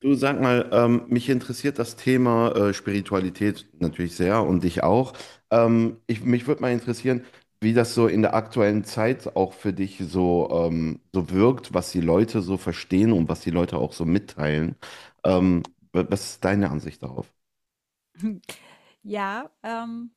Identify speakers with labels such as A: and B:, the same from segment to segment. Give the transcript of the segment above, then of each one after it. A: Du sag mal, mich interessiert das Thema Spiritualität natürlich sehr und dich auch. Ich, mich würde mal interessieren, wie das so in der aktuellen Zeit auch für dich so, so wirkt, was die Leute so verstehen und was die Leute auch so mitteilen. Ähm, Was ist deine Ansicht darauf?
B: Ja,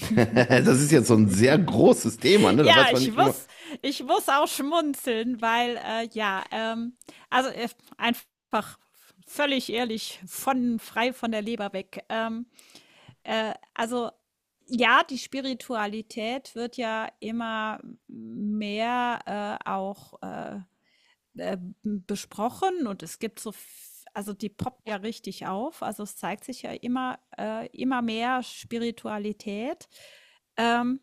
A: Das ist jetzt so ein sehr großes Thema, ne? Da
B: ja,
A: weiß man
B: ich
A: nicht immer.
B: muss, ich muss auch schmunzeln, weil also äh, einfach völlig ehrlich, von frei von der Leber weg. Also ja, die Spiritualität wird ja immer mehr auch äh, besprochen und es gibt also die poppt ja richtig auf. Also es zeigt sich ja immer mehr Spiritualität. Ähm,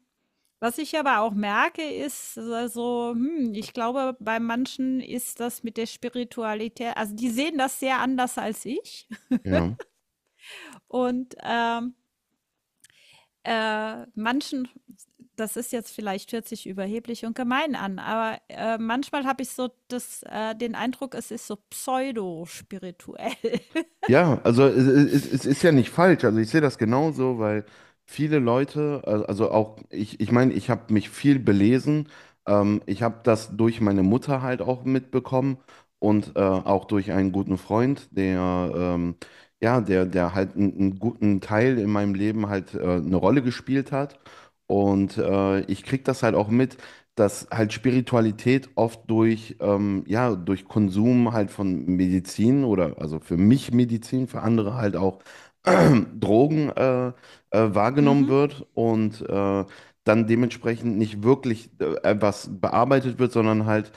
B: Was ich aber auch merke, ist hm, ich glaube, bei manchen ist das mit der Spiritualität, also die sehen das sehr anders als ich.
A: Ja.
B: Und manchen, das ist jetzt vielleicht hört sich überheblich und gemein an, aber manchmal habe ich den Eindruck, es ist so pseudo-spirituell.
A: Ja, also es ist ja nicht falsch. Also ich sehe das genauso, weil viele Leute, also auch ich meine, ich habe mich viel belesen. Ich habe das durch meine Mutter halt auch mitbekommen und auch durch einen guten Freund, der halt einen guten Teil in meinem Leben halt eine Rolle gespielt hat. Und ich krieg das halt auch mit, dass halt Spiritualität oft durch, durch Konsum halt von Medizin, oder also für mich Medizin, für andere halt auch Drogen wahrgenommen
B: Mhm.
A: wird, und dann dementsprechend nicht wirklich etwas bearbeitet wird, sondern halt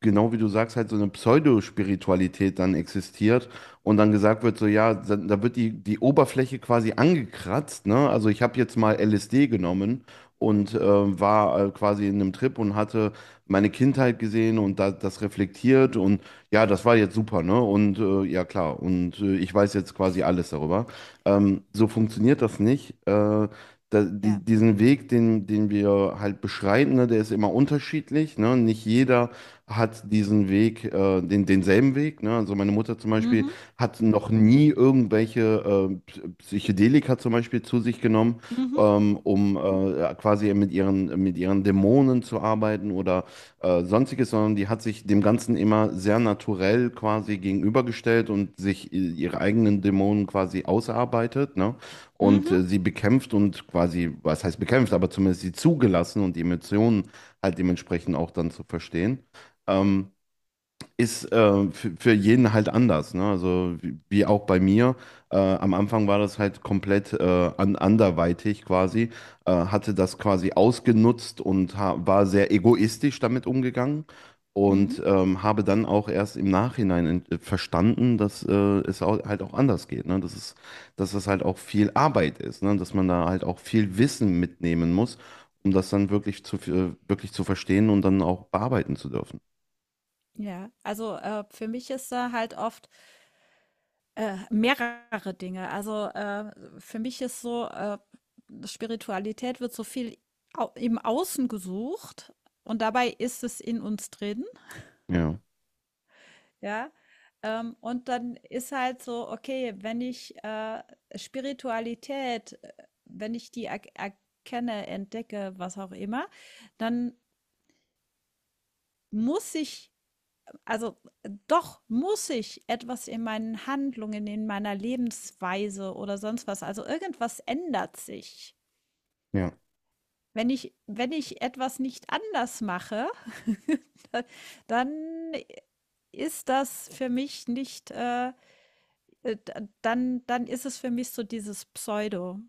A: genau wie du sagst, halt so eine Pseudospiritualität dann existiert und dann gesagt wird, so ja, da wird die Oberfläche quasi angekratzt, ne? Also ich habe jetzt mal LSD genommen und war quasi in einem Trip und hatte meine Kindheit gesehen und da, das reflektiert, und ja, das war jetzt super, ne? Und ja, klar, und ich weiß jetzt quasi alles darüber. So funktioniert das nicht.
B: Ja.
A: Diesen Weg, den wir halt beschreiten, ne, der ist immer unterschiedlich. Ne? Nicht jeder hat diesen Weg, denselben Weg. Ne? Also meine Mutter zum Beispiel
B: Mhm.
A: hat noch nie irgendwelche Psychedelika zum Beispiel zu sich genommen,
B: Mhm.
A: um quasi mit mit ihren Dämonen zu arbeiten oder sonstiges, sondern die hat sich dem Ganzen immer sehr naturell quasi gegenübergestellt und sich ihre eigenen Dämonen quasi ausarbeitet, ne? Und
B: Mhm.
A: sie bekämpft und quasi, was heißt bekämpft, aber zumindest sie zugelassen und die Emotionen halt dementsprechend auch dann zu verstehen, ähm, ist für jeden halt anders. Ne? Also wie, wie auch bei mir. Am Anfang war das halt komplett anderweitig quasi, hatte das quasi ausgenutzt und ha war sehr egoistisch damit umgegangen,
B: Mhm.
A: und habe dann auch erst im Nachhinein verstanden, dass halt auch anders geht. Ne? Dass es halt auch viel Arbeit ist, ne? Dass man da halt auch viel Wissen mitnehmen muss, um das dann wirklich zu verstehen und dann auch bearbeiten zu dürfen.
B: Ja. Also für mich ist da halt oft mehrere Dinge. Für mich ist Spiritualität wird so viel au im Außen gesucht und dabei ist es in uns drin,
A: Ja.
B: ja? Und dann ist halt so, okay, wenn ich, Spiritualität wenn ich die er erkenne, entdecke, was auch immer, dann muss ich also, doch muss ich etwas in meinen Handlungen, in meiner Lebensweise oder sonst was, also irgendwas ändert sich.
A: Ja,
B: Wenn ich etwas nicht anders mache, dann ist das für mich nicht, d dann ist es für mich so dieses Pseudo.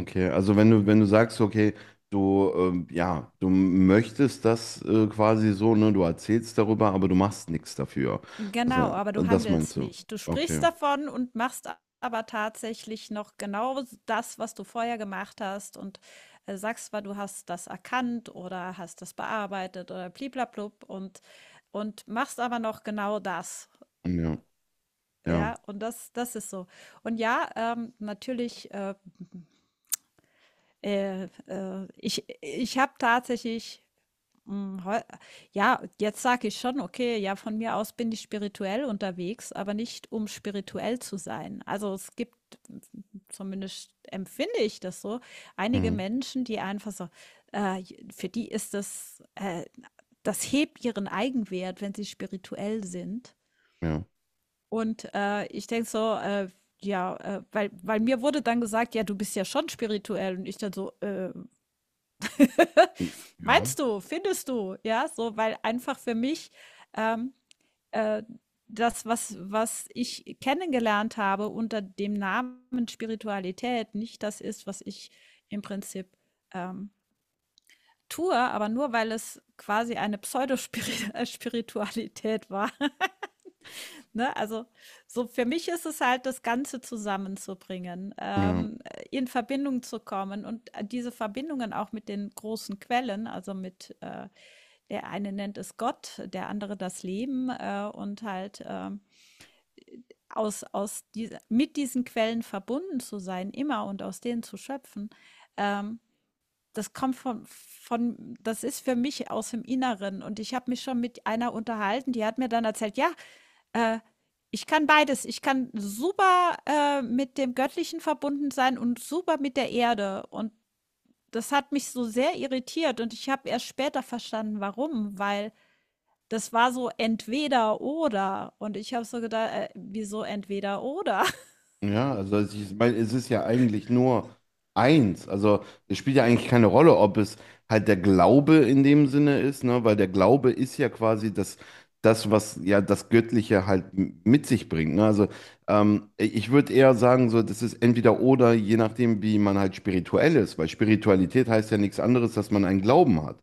A: okay. Also wenn du, wenn du sagst, okay, du, du möchtest das quasi so, ne, du erzählst darüber, aber du machst nichts dafür. Das,
B: Genau, aber du
A: das meinst
B: handelst
A: du?
B: nicht. Du sprichst
A: Okay.
B: davon und machst a aber tatsächlich noch genau s das, was du vorher gemacht hast, und sagst zwar, du hast das erkannt oder hast das bearbeitet oder bli blub, und machst aber noch genau das,
A: Ja, ja.
B: ja? Und das ist so. Und ja, natürlich, ich habe tatsächlich Hm, heu ja, jetzt sage ich schon: „Okay, ja, von mir aus bin ich spirituell unterwegs, aber nicht, um spirituell zu sein.“ Also, es gibt, zumindest empfinde ich das so, einige
A: Mhm.
B: Menschen, die einfach äh, für die ist das hebt ihren Eigenwert, wenn sie spirituell sind.
A: Ja.
B: Und, ich denke so, ja, weil mir wurde dann gesagt: „Ja, du bist ja schon spirituell.“ Und ich dann so: „Äh.“
A: Ja.
B: Meinst du? Findest du? Ja, so, weil einfach für mich, ähm, äh, das, was ich kennengelernt habe unter dem Namen Spiritualität, nicht das ist, was ich im Prinzip ähm, tue, aber nur weil es quasi eine Pseudospiritualität war. Ne? Also so für mich ist es halt, das Ganze zusammenzubringen,
A: Ja.
B: in Verbindung zu kommen und diese Verbindungen auch mit den großen Quellen, also mit der eine nennt es Gott, der andere das Leben, und halt aus diese, mit diesen Quellen verbunden zu sein, immer, und aus denen zu schöpfen. Ähm, das kommt von, das ist für mich aus dem Inneren. Und ich habe mich schon mit einer unterhalten, die hat mir dann erzählt, ja, äh, ich kann beides. Ich kann super, mit dem Göttlichen verbunden sein und super mit der Erde. Und das hat mich so sehr irritiert und ich habe erst später verstanden, warum, weil das war so entweder oder. Und ich habe so gedacht, wieso entweder oder?
A: Ja, also ich meine, es ist ja eigentlich nur eins. Also es spielt ja eigentlich keine Rolle, ob es halt der Glaube in dem Sinne ist, ne? Weil der Glaube ist ja quasi das, das, was ja das Göttliche halt mit sich bringt. Ne? Also ich würde eher sagen, so, das ist entweder oder, je nachdem, wie man halt spirituell ist, weil Spiritualität heißt ja nichts anderes, dass man einen Glauben hat.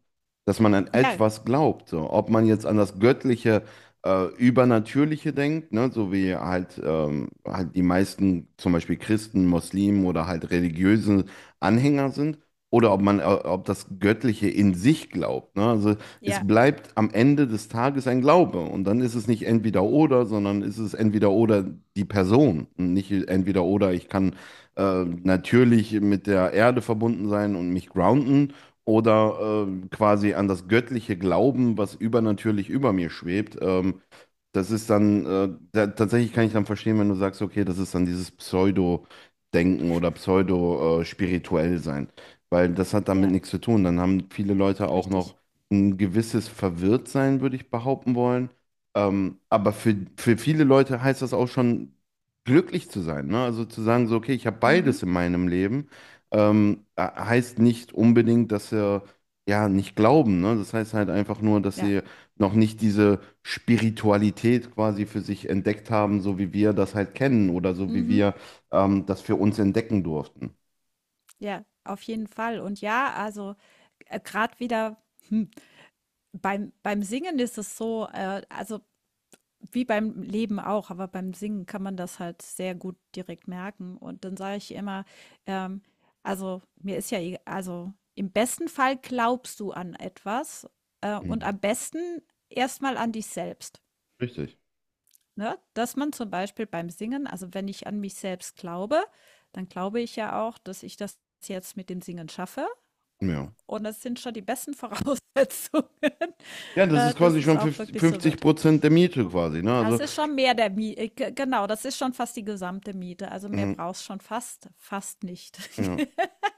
A: Dass man an
B: Ja,
A: etwas glaubt. So. Ob man jetzt an das Göttliche Übernatürliche denkt, ne? So wie halt, halt die meisten zum Beispiel Christen, Muslimen oder halt religiöse Anhänger sind, oder ob man, ob das Göttliche in sich glaubt, ne? Also es
B: ja,
A: bleibt am Ende des Tages ein Glaube, und dann ist es nicht entweder oder, sondern ist es entweder oder die Person, und nicht entweder oder. Ich kann natürlich mit der Erde verbunden sein und mich grounden oder quasi an das Göttliche glauben, was übernatürlich über mir schwebt. Das ist dann, tatsächlich kann ich dann verstehen, wenn du sagst, okay, das ist dann dieses Pseudo-Denken oder Pseudo-spirituell sein, weil das hat damit
B: ja,
A: nichts zu tun. Dann haben viele Leute auch noch
B: richtig.
A: ein gewisses Verwirrtsein, würde ich behaupten wollen. Aber für viele Leute heißt das auch schon, glücklich zu sein, ne? Also zu sagen, so, okay, ich habe
B: Mhm,
A: beides in meinem Leben, heißt nicht unbedingt, dass sie ja nicht glauben, ne? Das heißt halt einfach nur, dass
B: ja,
A: sie noch nicht diese Spiritualität quasi für sich entdeckt haben, so wie wir das halt kennen, oder so wie
B: mhm,
A: wir das für uns entdecken durften.
B: ja, auf jeden Fall. Und ja, also, grad wieder, hm, beim, beim Singen ist es also wie beim Leben auch, aber beim Singen kann man das halt sehr gut direkt merken. Und dann sage ich immer, ähm, also mir ist ja egal, also im besten Fall glaubst du an etwas, und
A: Mhm.
B: am besten erstmal an dich selbst.
A: Richtig.
B: Ne? Dass man zum Beispiel beim Singen, also wenn ich an mich selbst glaube, dann glaube ich ja auch, dass ich das jetzt mit dem Singen schaffe.
A: Ja.
B: Und das sind schon die besten Voraussetzungen,
A: Ja, das ist quasi
B: dass es
A: schon
B: auch wirklich so
A: 50
B: wird.
A: Prozent der Miete quasi, ne? Also,
B: Das ist schon mehr der Miete, genau, das ist schon fast die gesamte Miete. Also mehr
A: mhm,
B: brauchst schon fast, fast nicht.
A: ja.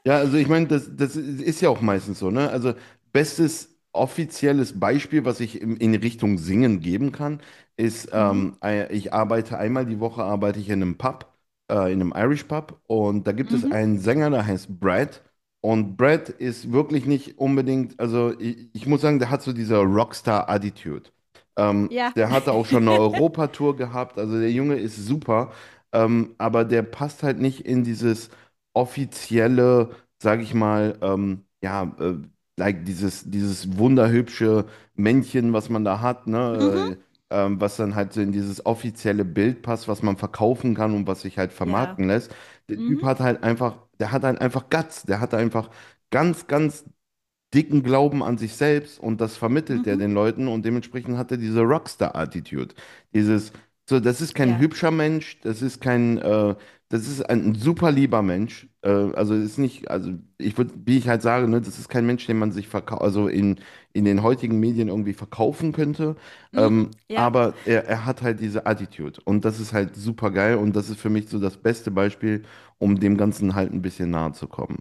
A: Ja, also ich meine, das, das ist ja auch meistens so, ne? Also bestes offizielles Beispiel, was ich in Richtung Singen geben kann, ist,
B: Mhm.
A: ich arbeite einmal die Woche, arbeite ich in einem Pub, in einem Irish Pub, und da gibt es
B: Mhm.
A: einen Sänger, der heißt Brad, und Brad ist wirklich nicht unbedingt, also ich muss sagen, der hat so diese Rockstar-Attitude. Ähm,
B: Ja.
A: Der hatte auch schon eine Europatour gehabt, also der Junge ist super, aber der passt halt nicht in dieses offizielle, sage ich mal, like dieses wunderhübsche Männchen, was man da hat,
B: Mhm.
A: ne? Was dann halt so in dieses offizielle Bild passt, was man verkaufen kann und was sich halt
B: Ja.
A: vermarkten lässt. Der Typ
B: Mhm.
A: hat halt einfach, der hat halt einfach Guts, der hat einfach ganz, ganz dicken Glauben an sich selbst, und das vermittelt er
B: Mhm.
A: den Leuten, und dementsprechend hat er diese Rockstar-Attitude. Dieses, so, das ist kein
B: Ja.
A: hübscher Mensch, das ist kein, das ist ein super lieber Mensch. Also ist nicht, also ich würde, wie ich halt sage, ne, das ist kein Mensch, den man sich verkau also in den heutigen Medien irgendwie verkaufen könnte.
B: Mhm. Ja.
A: Aber er hat halt diese Attitude, und das ist halt super geil, und das ist für mich so das beste Beispiel, um dem Ganzen halt ein bisschen nahe zu kommen.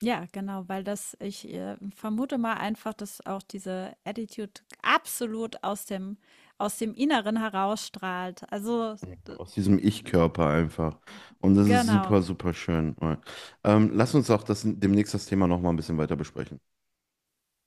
B: Ja, genau, weil das, ich vermute mal einfach, dass auch diese Attitude absolut aus dem Inneren herausstrahlt. Also,
A: Aus diesem Ich-Körper einfach. Und das ist
B: genau.
A: super, super schön. Lass uns auch das, demnächst das Thema nochmal ein bisschen weiter besprechen.